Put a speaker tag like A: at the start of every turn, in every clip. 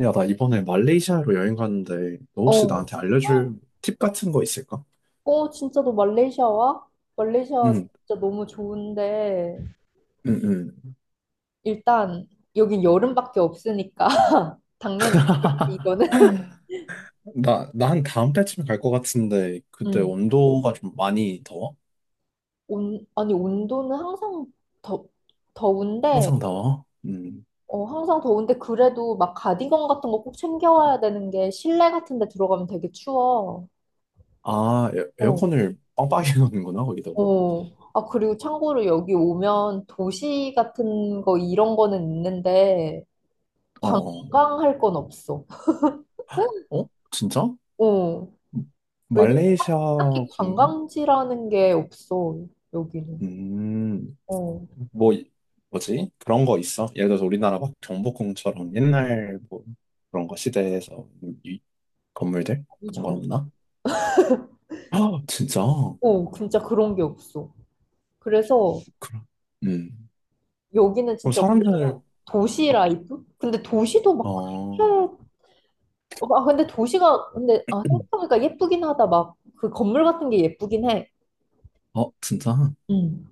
A: 야, 나 이번에 말레이시아로 여행 가는데, 너 혹시
B: 어.
A: 나한테 알려줄 팁 같은 거 있을까?
B: 어, 진짜 너 말레이시아 와? 말레이시아
A: 응,
B: 진짜 너무 좋은데,
A: 응, 응.
B: 일단, 여긴 여름밖에 없으니까, 당연히, 이거는.
A: 나 한 다음 달쯤에 갈 것 같은데, 그때
B: 음.
A: 온도가 좀 많이 더워?
B: 온, 아니, 온도는 항상 더, 더운데,
A: 항상 더워? 음.
B: 어, 항상 더운데, 그래도 막 가디건 같은 거 꼭 챙겨와야 되는 게, 실내 같은 데 들어가면 되게 추워.
A: 아,
B: 어,
A: 에어컨을 빵빵히 넣는구나 거기다.
B: 어. 아, 그리고 참고로 여기 오면 도시 같은 거, 이런 거는 있는데,
A: 어, 어.
B: 관광할 건 없어.
A: 어? 진짜?
B: 어. 왜냐면
A: 말레이시아
B: 딱히
A: 관광?
B: 관광지라는 게 없어, 여기는.
A: 음,
B: 어,
A: 뭐, 이- 뭐지? 그런 거 있어? 예를 들어서 우리나라 막 경복궁처럼 옛날 뭐 그런 거 시대에서 건물들?
B: 진짜.
A: 그런 건 없나? 아, 진짜?
B: 어, 진짜 그런 게 없어. 그래서
A: 그럼, 음.
B: 여기는
A: 그럼
B: 진짜 오히려
A: 사람들,
B: 도시 라이프? 근데 도시도 막
A: 어,
B: 그렇게, 어, 아, 근데 도시가, 근데, 아, 생각해보니까 예쁘긴 하다. 막 그 건물 같은 게 예쁘긴 해.
A: 어, 진짜?
B: 음.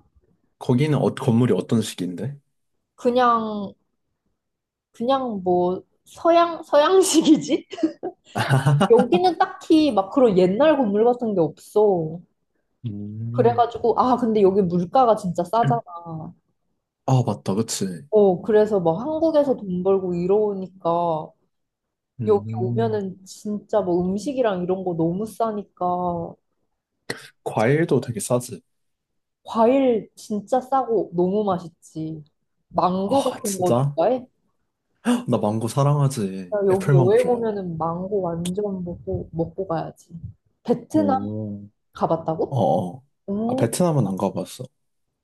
A: 거기는 어, 건물이 어떤 식인데?
B: 그냥, 그냥 뭐, 서양, 서양식이지? 여기는 딱히 막 그런 옛날 건물 같은 게 없어.
A: 음.
B: 그래가지고, 아, 근데 여기 물가가 진짜 싸잖아.
A: 아, 맞다, 그치.
B: 어, 그래서 막 한국에서 돈 벌고 이러니까 여기
A: 음.
B: 오면은 진짜 뭐 음식이랑 이런 거 너무 싸니까
A: 과일도 되게 싸지.
B: 과일 진짜 싸고 너무 맛있지. 망고
A: 아,
B: 같은 거
A: 진짜?
B: 좋아해?
A: 나 망고 사랑하지.
B: 나 여기
A: 애플 망고
B: 여행
A: 좋아해.
B: 오면은 망고 완전 먹고, 먹고 가야지. 베트남
A: 오. 어,
B: 가봤다고?
A: 어. 아,
B: 응,
A: 베트남은 안 가봤어.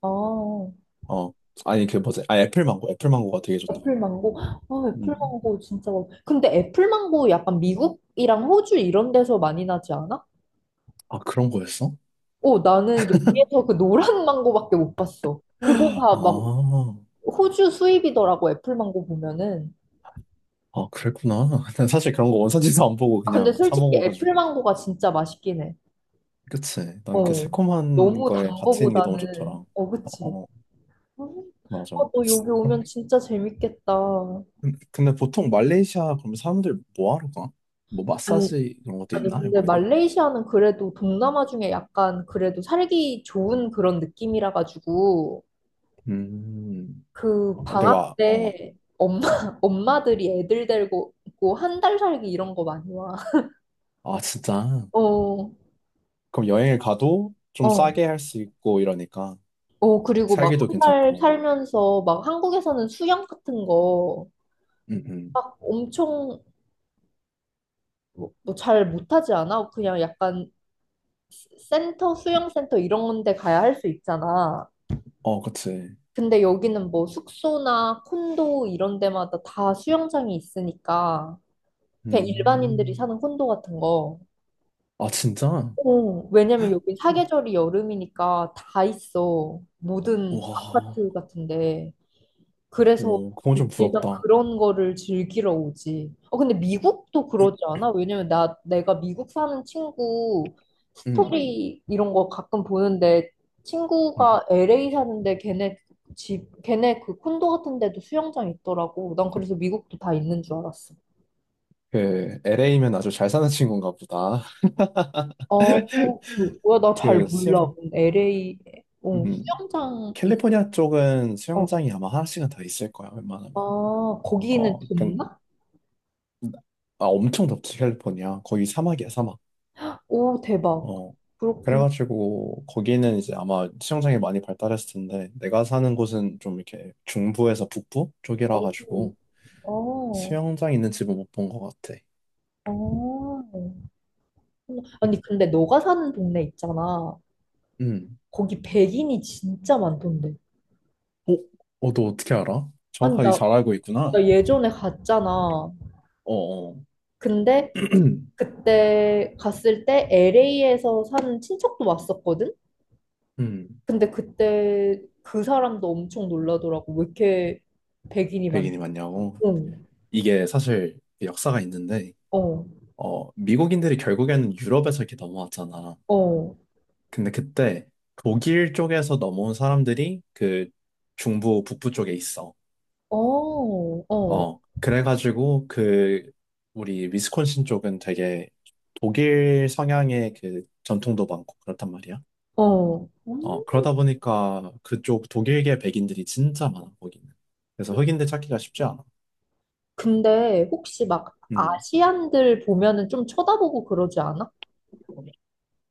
B: 아,
A: 어. 아니, 그 뭐지? 아, 애플 망고. 애플 망고가 되게 좋다.
B: 애플망고. 아,
A: 음.
B: 애플망고 진짜 맛 근데 애플망고 약간 미국이랑 호주 이런 데서 많이 나지 않아?
A: 아, 그런 거였어?
B: 어, 나는 여기에서 그 노란 망고밖에 못 봤어. 그건 다 막
A: 아.
B: 호주 수입이더라고, 애플망고 보면은.
A: 아, 그랬구나. 난 사실 그런 거 원산지도 안 보고
B: 아, 근데
A: 그냥 사
B: 솔직히
A: 먹어가지고.
B: 애플망고가 진짜 맛있긴 해.
A: 그치. 난 그
B: 어.
A: 새콤한
B: 너무 단
A: 거에 같이 있는 게 너무 좋더라.
B: 거보다는, 어,
A: 어,
B: 그치.
A: 어.
B: 음,
A: 맞아.
B: 아, 너 여기 오면 진짜 재밌겠다.
A: 근데 보통 말레이시아 그럼 사람들 뭐 하러 가? 뭐
B: 아니,
A: 마사지 이런 것도
B: 아니,
A: 있나?
B: 근데
A: 거기도?
B: 말레이시아는 그래도 동남아 중에 약간 그래도 살기 좋은 그런 느낌이라 가지고,
A: 음,
B: 그
A: 어,
B: 방학
A: 내가, 어,
B: 때 엄마, 엄마들이 애들 데리고 한 달 살기 이런 거 많이 와.
A: 아, 진짜.
B: 어,
A: 그럼 여행을 가도 좀
B: 어,
A: 싸게 할 수 있고 이러니까
B: 어, 그리고 막
A: 살기도
B: 한 달
A: 괜찮고.
B: 살면서 막 한국에서는 수영 같은 거
A: 음, 음.
B: 막 엄청 뭐 잘 못하지 않아? 그냥 약간 센터, 수영센터 이런 데 가야 할 수 있잖아.
A: 어, 그치.
B: 근데 여기는 뭐 숙소나 콘도 이런 데마다 다 수영장이 있으니까 그냥 일반인들이
A: 음.
B: 사는 콘도 같은 거.
A: 아, 진짜?
B: 어, 왜냐면 여기
A: 어,
B: 사계절이 여름이니까 다 있어. 모든
A: 와.
B: 아파트 같은데. 그래서
A: 오, 그건 좀
B: 일단
A: 부럽다.
B: 그런 거를 즐기러 오지. 어, 근데 미국도 그러지 않아? 왜냐면 나, 내가 미국 사는 친구
A: 음,
B: 스토리 이런 거 가끔 보는데
A: 음.
B: 친구가 LA 사는데 걔네 집, 걔네 그 콘도 같은 데도 수영장 있더라고. 난 그래서 미국도 다 있는 줄 알았어.
A: 그 LA면 아주 잘 사는 친구인가 보다.
B: 어, 그, 뭐야, 나 잘
A: 그
B: 몰라.
A: 수영,
B: LA, 어,
A: 음.
B: 수영장, 있-
A: 캘리포니아 쪽은
B: 어,
A: 수영장이 아마 하나씩은 더 있을 거야,
B: 아,
A: 웬만하면.
B: 거기는
A: 어, 그,
B: 좋나?
A: 아, 엄청 덥지, 캘리포니아. 거기 사막이야, 사막.
B: 오, 대박.
A: 어.
B: 그렇구나.
A: 그래가지고, 거기는 이제 아마 수영장이 많이 발달했을 텐데, 내가 사는 곳은 좀 이렇게 중부에서 북부 쪽이라
B: 어,
A: 가지고,
B: 어.
A: 수영장 있는 집은 못 본 것 같아.
B: 어.
A: 음.
B: 아니, 근데 너가 사는 동네 있잖아.
A: 음.
B: 거기 백인이 진짜 많던데.
A: 어? 어, 너 어떻게 알아?
B: 아니,
A: 정확하게
B: 나,
A: 잘 알고
B: 나
A: 있구나.
B: 예전에 갔잖아.
A: 어, 어.
B: 근데 그때 갔을 때 LA에서 사는 친척도 왔었거든?
A: 음,
B: 근데 그때 그 사람도 엄청 놀라더라고. 왜 이렇게 백인이 많
A: 백인이 맞냐고?
B: 응,
A: 이게 사실 역사가 있는데,
B: 어,
A: 어, 미국인들이 결국에는 유럽에서 이렇게 넘어왔잖아.
B: 어,
A: 근데 그때 독일 쪽에서 넘어온 사람들이 그 중부, 북부 쪽에 있어.
B: 어, 어,
A: 어, 그래가지고 그 우리 위스콘신 쪽은 되게 독일 성향의 그 전통도 많고 그렇단 말이야.
B: 어.
A: 어,
B: 음.
A: 그러다 보니까 그쪽 독일계 백인들이 진짜 많아, 거기는. 그래서 흑인들 찾기가 쉽지 않아.
B: 근데 혹시 막
A: 음.
B: 아시안들 보면은 좀 쳐다보고 그러지 않아?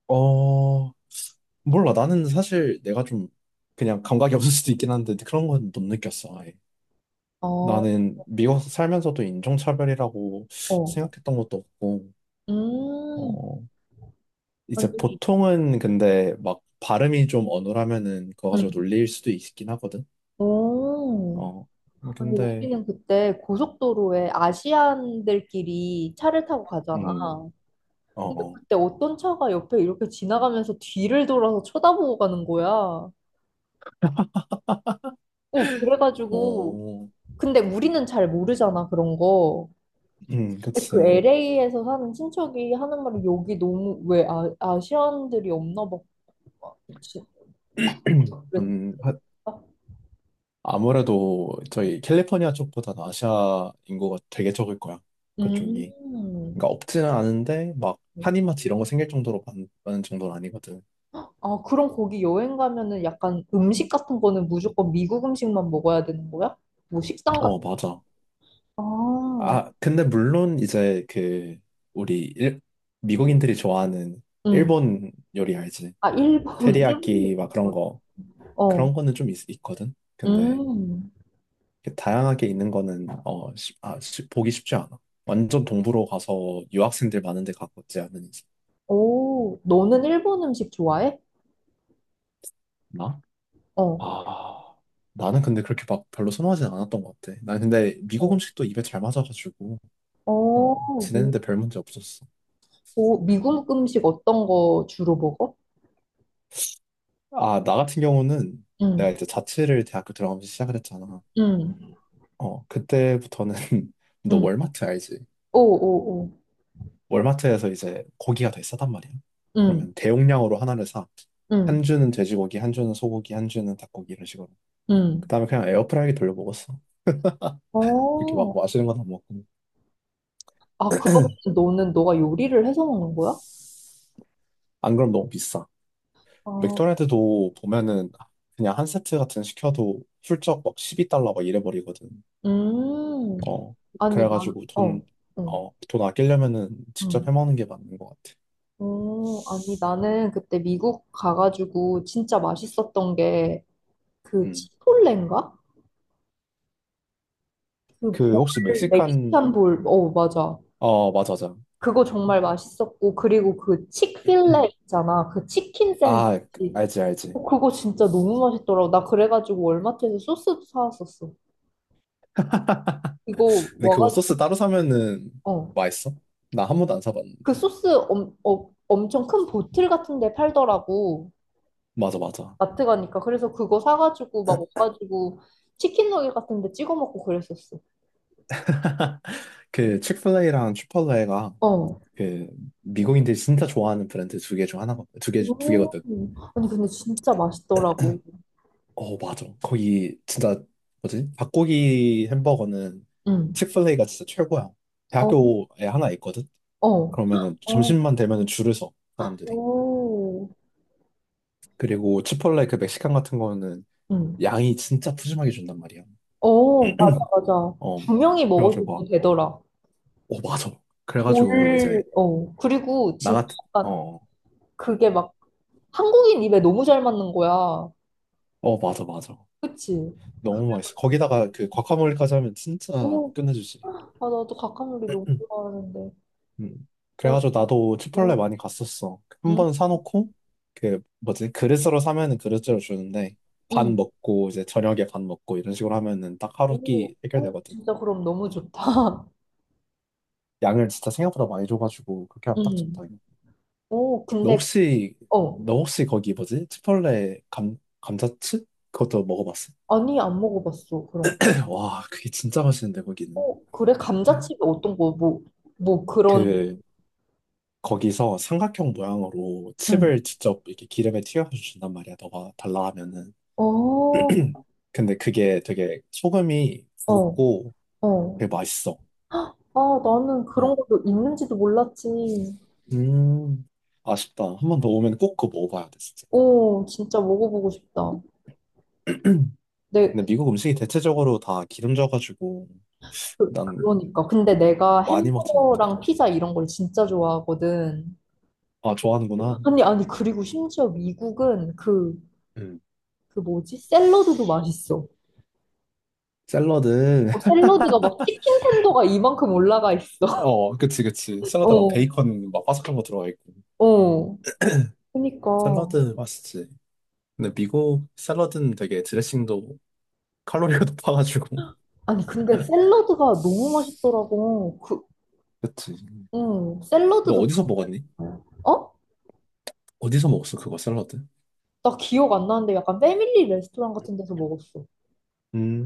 A: 어, 몰라. 나는 사실 내가 좀 그냥 감각이 없을 수도 있긴 한데 그런 건 못 느꼈어, 아예.
B: 어,
A: 나는 미국에서 살면서도 인종차별이라고
B: 어.
A: 생각했던 것도 없고,
B: 음,
A: 어, 이제
B: 언니,
A: 보통은 근데 막 발음이 좀 어눌하면은 그거 가지고
B: 응
A: 놀릴 수도 있긴 하거든.
B: 오.
A: 어,
B: 근데
A: 근데,
B: 우리는 그때 고속도로에 아시안들끼리 차를 타고 가잖아.
A: 음, 어,
B: 근데
A: 어.
B: 그때 어떤 차가 옆에 이렇게 지나가면서 뒤를 돌아서 쳐다보고 가는 거야. 어, 그래가지고.
A: 뭐,
B: 근데 우리는 잘 모르잖아, 그런 거. 근데 그
A: 그치.
B: LA에서 사는 친척이 하는 말이 여기 너무, 왜 아, 아시안들이 없나 봐. 지- 그랬다?
A: 음, 하- 아무래도 저희 캘리포니아 쪽보다는 아시아 인구가 되게 적을 거야.
B: 음.
A: 그쪽이. 그러니까 없지는 않은데 막 한인마트 이런 거 생길 정도로 많은 정도는 아니거든.
B: 아, 그럼 거기 여행 가면은 약간 음식 같은 거는 무조건 미국 음식만 먹어야 되는 거야? 뭐 식당 같은
A: 어, 맞아.
B: 아,
A: 아, 근데 물론 이제 그 우리 일- 미국인들이 좋아하는
B: 응.
A: 일본 요리 알지?
B: 아, 일본.
A: 테리야끼
B: 일본이
A: 막 그런
B: 좋아.
A: 거
B: 어.
A: 그런 거는 좀 있거든. 근데
B: 음.
A: 이렇게 다양하게 있는 거는 어, 보기 쉽지 않아. 완전 동부로 가서 유학생들 많은 데 갔었지 않은
B: 오, 너는 일본 음식 좋아해?
A: 이상.
B: 어.
A: 아, 나는 근데 그렇게 막 별로 선호하진 않았던 것 같아. 난 근데 미국
B: 어.
A: 음식도 입에 잘 맞아가지고, 어,
B: 어. 미,
A: 지내는데 별 문제 없었어.
B: 오, 미국 음식 어떤 거 주로 먹어?
A: 아, 나 같은 경우는 내가
B: 응.
A: 이제 자취를 대학교 들어가면서 시작을 했잖아.
B: 응.
A: 어, 그때부터는 너
B: 응.
A: 월마트 알지?
B: 오, 오, 오.
A: 월마트에서 이제 고기가 되게 싸단 말이야.
B: 응.
A: 그러면 대용량으로 하나를 사. 한
B: 응.
A: 주는 돼지고기, 한 주는 소고기, 한 주는 닭고기 이런 식으로.
B: 응.
A: 그다음에 그냥 에어프라이기 돌려 먹었어. 이렇게 막
B: 어.
A: 맛있는 건 안 먹고.
B: 아, 그러면 너는 너가 요리를 해서 먹는 거야?
A: 안 그럼 너무 비싸.
B: 아,
A: 맥도날드도 보면은 그냥 한 세트 같은 거 시켜도 훌쩍 막 12달러 막 이래버리거든.
B: 음.
A: 어,
B: 아니, 난,
A: 그래가지고
B: 어,
A: 돈,
B: 응.
A: 어, 돈 아끼려면은 직접
B: 응.
A: 해먹는 게 맞는 것 같아.
B: 어, 아니, 나는 그때 미국 가가지고 진짜 맛있었던 게 그
A: 음.
B: 치폴레인가? 그
A: 그 혹시
B: 볼,
A: 멕시칸,
B: 멕시칸 볼, 어, 맞아.
A: 어, 맞아, 맞아.
B: 그거 정말 맛있었고, 그리고 그 치크필레
A: 음.
B: 있잖아. 그 치킨
A: 아,
B: 샌드위치.
A: 알지, 알지.
B: 어, 그거 진짜 너무 맛있더라고. 나 그래가지고 월마트에서 소스도 사왔었어. 이거
A: 근데 그거 소스
B: 와가지고,
A: 따로 사면은
B: 어.
A: 맛있어? 나 한 번도 안
B: 그
A: 사봤는데.
B: 소스 엄, 어, 엄청 큰 보틀 같은 데 팔더라고.
A: 맞아, 맞아.
B: 마트 가니까 그래서 그거 사가지고 막 옷가지고 치킨 너겟 같은 데 찍어 먹고 그랬었어.
A: 그 치플레이랑 추팔레가
B: 어.
A: 그 미국인들이 진짜 좋아하는 브랜드 두 개 중 하나거든. 두 개, 두
B: 오.
A: 개거든.
B: 아니 근데 진짜 맛있더라고.
A: 어, 맞아. 거기 진짜 뭐지? 닭고기 햄버거는
B: 응.
A: 치플레이가 진짜 최고야.
B: 어.
A: 대학교에 하나 있거든.
B: 어.
A: 그러면은
B: 어.
A: 점심만 되면은 줄을 서 사람들이.
B: 오.
A: 그리고 치폴레 그 멕시칸 같은 거는
B: 응.
A: 양이 진짜 푸짐하게 준단 말이야.
B: 어, 맞아, 맞아.
A: 어.
B: 두 명이
A: 그래가지고
B: 먹어도
A: 막,
B: 되더라.
A: 어, 맞아.
B: 돌,
A: 그래가지고 이제
B: 어. 그리고
A: 나
B: 진짜
A: 같은
B: 약간
A: 어,
B: 그게 막 한국인 입에 너무 잘 맞는 거야.
A: 어, 맞아, 맞아.
B: 그치?
A: 너무 맛있어.
B: 그래가지고.
A: 거기다가 그 과카몰리까지 하면 진짜
B: 오.
A: 끝내주지.
B: 아, 나도 각각놀이 너무 좋아하는데.
A: 음.
B: 맞아.
A: 그래가지고 나도
B: 어.
A: 치폴레 많이 갔었어. 한
B: 음.
A: 번 사놓고 그 뭐지 그릇으로 사면은 그릇째로 주는데 반
B: 응.
A: 먹고 이제 저녁에 반 먹고 이런 식으로 하면은 딱 하루
B: 오,
A: 끼
B: 오,
A: 해결되거든.
B: 진짜 그럼 너무 좋다.
A: 양을 진짜 생각보다 많이 줘가지고 그렇게 하면 딱 적당해.
B: 응. 오,
A: 너
B: 근데,
A: 혹시
B: 어,
A: 너 혹시 거기 뭐지 치폴레 감 감자칩 그것도 먹어봤어?
B: 아니, 안 먹어봤어, 그럼.
A: 와 그게 진짜 맛있는데 거기는.
B: 어, 그래?
A: 음.
B: 감자칩이 어떤 거, 뭐, 뭐, 그런,
A: 그 거기서 삼각형 모양으로
B: 응.
A: 칩을 직접 이렇게 기름에 튀겨서 준단 말이야. 너가 달라 하면은.
B: 어,
A: 근데 그게 되게 소금이
B: 어,
A: 굵고
B: 어.
A: 되게 맛있어.
B: 아, 나는 그런
A: 어.
B: 것도 있는지도 몰랐지.
A: 음, 아쉽다. 한 번 더 오면 꼭 그거 먹어봐야 돼, 진짜.
B: 오, 진짜 먹어보고 싶다. 내,
A: 근데 미국 음식이 대체적으로 다 기름져가지고
B: 그,
A: 난
B: 그러니까. 근데 내가
A: 많이 먹지 못해.
B: 햄버거랑 피자 이런 걸 진짜 좋아하거든.
A: 아, 좋아하는구나.
B: 아니, 그리고 심지어 미국은 그,
A: 음.
B: 그 뭐지? 샐러드도 맛있어.
A: 샐러드.
B: 어, 샐러드가 막 치킨 텐더가 이만큼 올라가 있어.
A: 어, 그치, 그치. 샐러드 막
B: 어,
A: 베이컨 막 바삭한 거 들어가 있고.
B: 어. 그니까.
A: 샐러드 맛있지. 근데 미국 샐러드는 되게 드레싱도 칼로리가 높아가지고.
B: 아니, 근데 샐러드가 너무 맛있더라고. 그,
A: 그치.
B: 응
A: 너
B: 샐러드도
A: 어디서 먹었니?
B: 맛있어요. 어?
A: 어디서 먹었어, 그거 샐러드?
B: 나 기억 안 나는데 약간 패밀리 레스토랑 같은 데서 먹었어.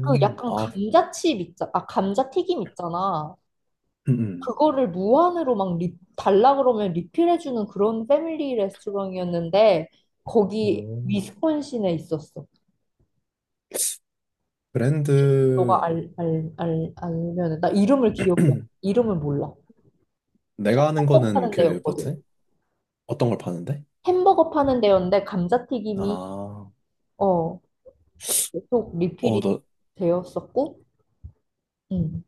B: 그 약간
A: 아,
B: 감자칩 있잖아. 아, 감자튀김 있잖아.
A: 음, 음.
B: 그거를 무한으로 막 리, 달라 그러면 리필해주는 그런 패밀리 레스토랑이었는데 거기
A: 오.
B: 위스콘신에 있었어.
A: 브랜드
B: 너가 알면은 나 이름을 기억해. 이름을 몰라.
A: 내가 아는
B: 햄버거
A: 거는
B: 파는
A: 그
B: 데였거든.
A: 뭐지? 어떤 걸 파는데?
B: 햄버거 파는 데였는데 감자튀김이
A: 아,
B: 어, 계속
A: 어,
B: 리필이
A: 너,
B: 되었었고, 음.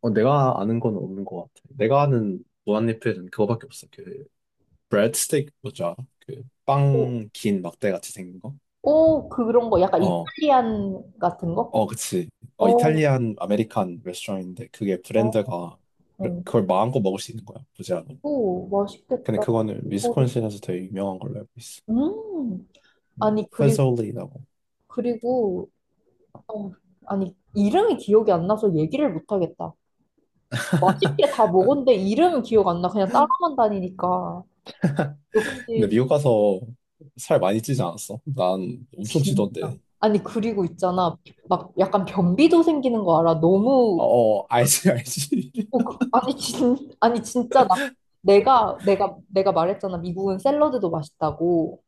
A: 어, 내가 아는 건 없는 것 같아. 내가 아는 무한리필은 그거밖에 없어. 그 브레드 스틱 뭐지 알아?
B: 오,
A: 그빵 긴 막대 같이 생긴 거?
B: 오, 그런 거 약간
A: 어,
B: 이탈리안 같은 거?
A: 어, 그치. 어,
B: 어,
A: 이탈리안 아메리칸 레스토랑인데 그게
B: 어,
A: 브랜드가
B: 어.
A: 그걸 마음껏 먹을 수 있는 거야. 보지 않
B: 오,
A: 근데
B: 맛있겠다.
A: 그거는
B: 그거를.
A: 위스콘신에서 되게 유명한 걸로 알고 있어.
B: 음. 아니 그리고
A: 페솔리라고.
B: 그리고 어, 아니 이름이 기억이 안 나서 얘기를 못 하겠다. 맛있게 다 먹었는데 이름은 기억 안 나. 그냥 따라만 다니니까.
A: 근데
B: 역시
A: 미국 가서 살 많이 찌지 않았어? 난 엄청
B: 진
A: 찌던데.
B: 아니 그리고 있잖아 막 약간 변비도 생기는 거 알아
A: 어,
B: 너무
A: 어, 알지, 알지.
B: 어, 그, 아니 진 아니 진짜 나 내가 말했잖아 미국은 샐러드도 맛있다고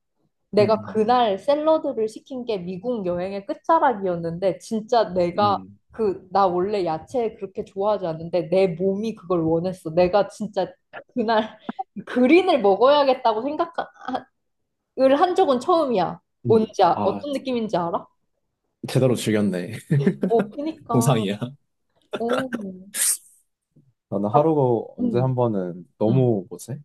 B: 내가
A: 음,
B: 그날 샐러드를 시킨 게 미국 여행의 끝자락이었는데 진짜 내가
A: 음.
B: 그 나 원래 야채 그렇게 좋아하지 않는데 내 몸이 그걸 원했어 내가 진짜 그날 그린을 먹어야겠다고 생각을 한 적은 처음이야
A: 음.
B: 뭔지 아,
A: 아,
B: 어떤 느낌인지 알아?
A: 제대로 즐겼네.
B: 어, 그니까,
A: 동상이야.
B: 어,
A: 나는
B: 아,
A: 하루가 언제 한
B: 음,
A: 번은
B: 음.
A: 너무 뭐지?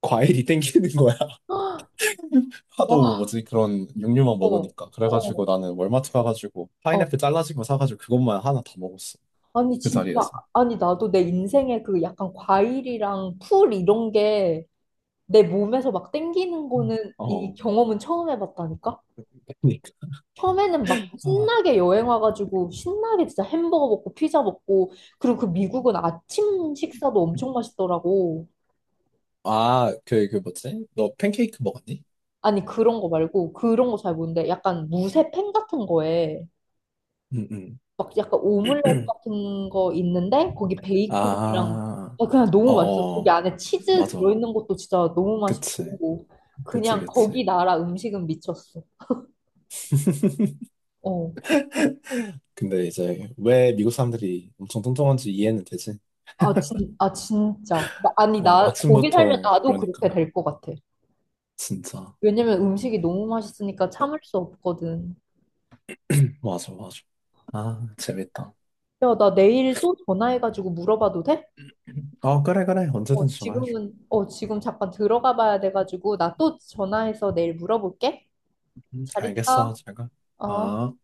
A: 과일이 땡기는 거야.
B: 헉, 와,
A: 하도 뭐지 그런 육류만
B: 어,
A: 먹으니까. 그래가지고
B: 어,
A: 나는 월마트 가가지고
B: 어.
A: 파인애플 잘라진 거 사가지고 그것만 하나 다 먹었어.
B: 아니,
A: 그
B: 진짜,
A: 자리에서.
B: 아니, 나도 내 인생에 그 약간 과일이랑 풀 이런 게 내 몸에서 막 땡기는 거는 이
A: 어,
B: 경험은 처음 해봤다니까?
A: 그니까.
B: 처음에는 막
A: 아,
B: 신나게 여행 와가지고 신나게 진짜 햄버거 먹고 피자 먹고 그리고 그 미국은 아침 식사도 엄청 맛있더라고.
A: 아, 그, 그 뭐지? 너 팬케이크 먹었니?
B: 아니, 그런 거 말고 그런 거 잘 모르는데 약간 무쇠 팬 같은 거에
A: 응, 응.
B: 막 약간 오믈렛 같은 거 있는데 거기 베이컨이랑
A: 아,
B: 어, 그냥 너무 맛있어. 거기
A: 어어,
B: 안에 치즈
A: 맞아.
B: 들어있는 것도 진짜 너무
A: 그치,
B: 맛있고
A: 그치,
B: 그냥
A: 그치.
B: 거기 나라 음식은 미쳤어. 어.
A: 근데 이제 왜 미국 사람들이 엄청 뚱뚱한지 이해는 되지?
B: 아, 진, 아 진짜. 나- 아니
A: 어,
B: 나 거기 살면
A: 아침부터
B: 나도 그렇게
A: 그러니까.
B: 될 것 같아.
A: 진짜.
B: 왜냐면 음식이 너무 맛있으니까 참을 수 없거든.
A: 맞아, 맞아. 아, 재밌다.
B: 야, 나 내일 또 전화해가지고 물어봐도 돼?
A: 어, 그래, 그래.
B: 어,
A: 언제든지 전화해줘.
B: 지금은, 어, 지금 잠깐 들어가 봐야 돼가지고, 나 또 전화해서 내일 물어볼게. 잘
A: 알겠어,
B: 있어.
A: 제가.
B: 어.
A: 아.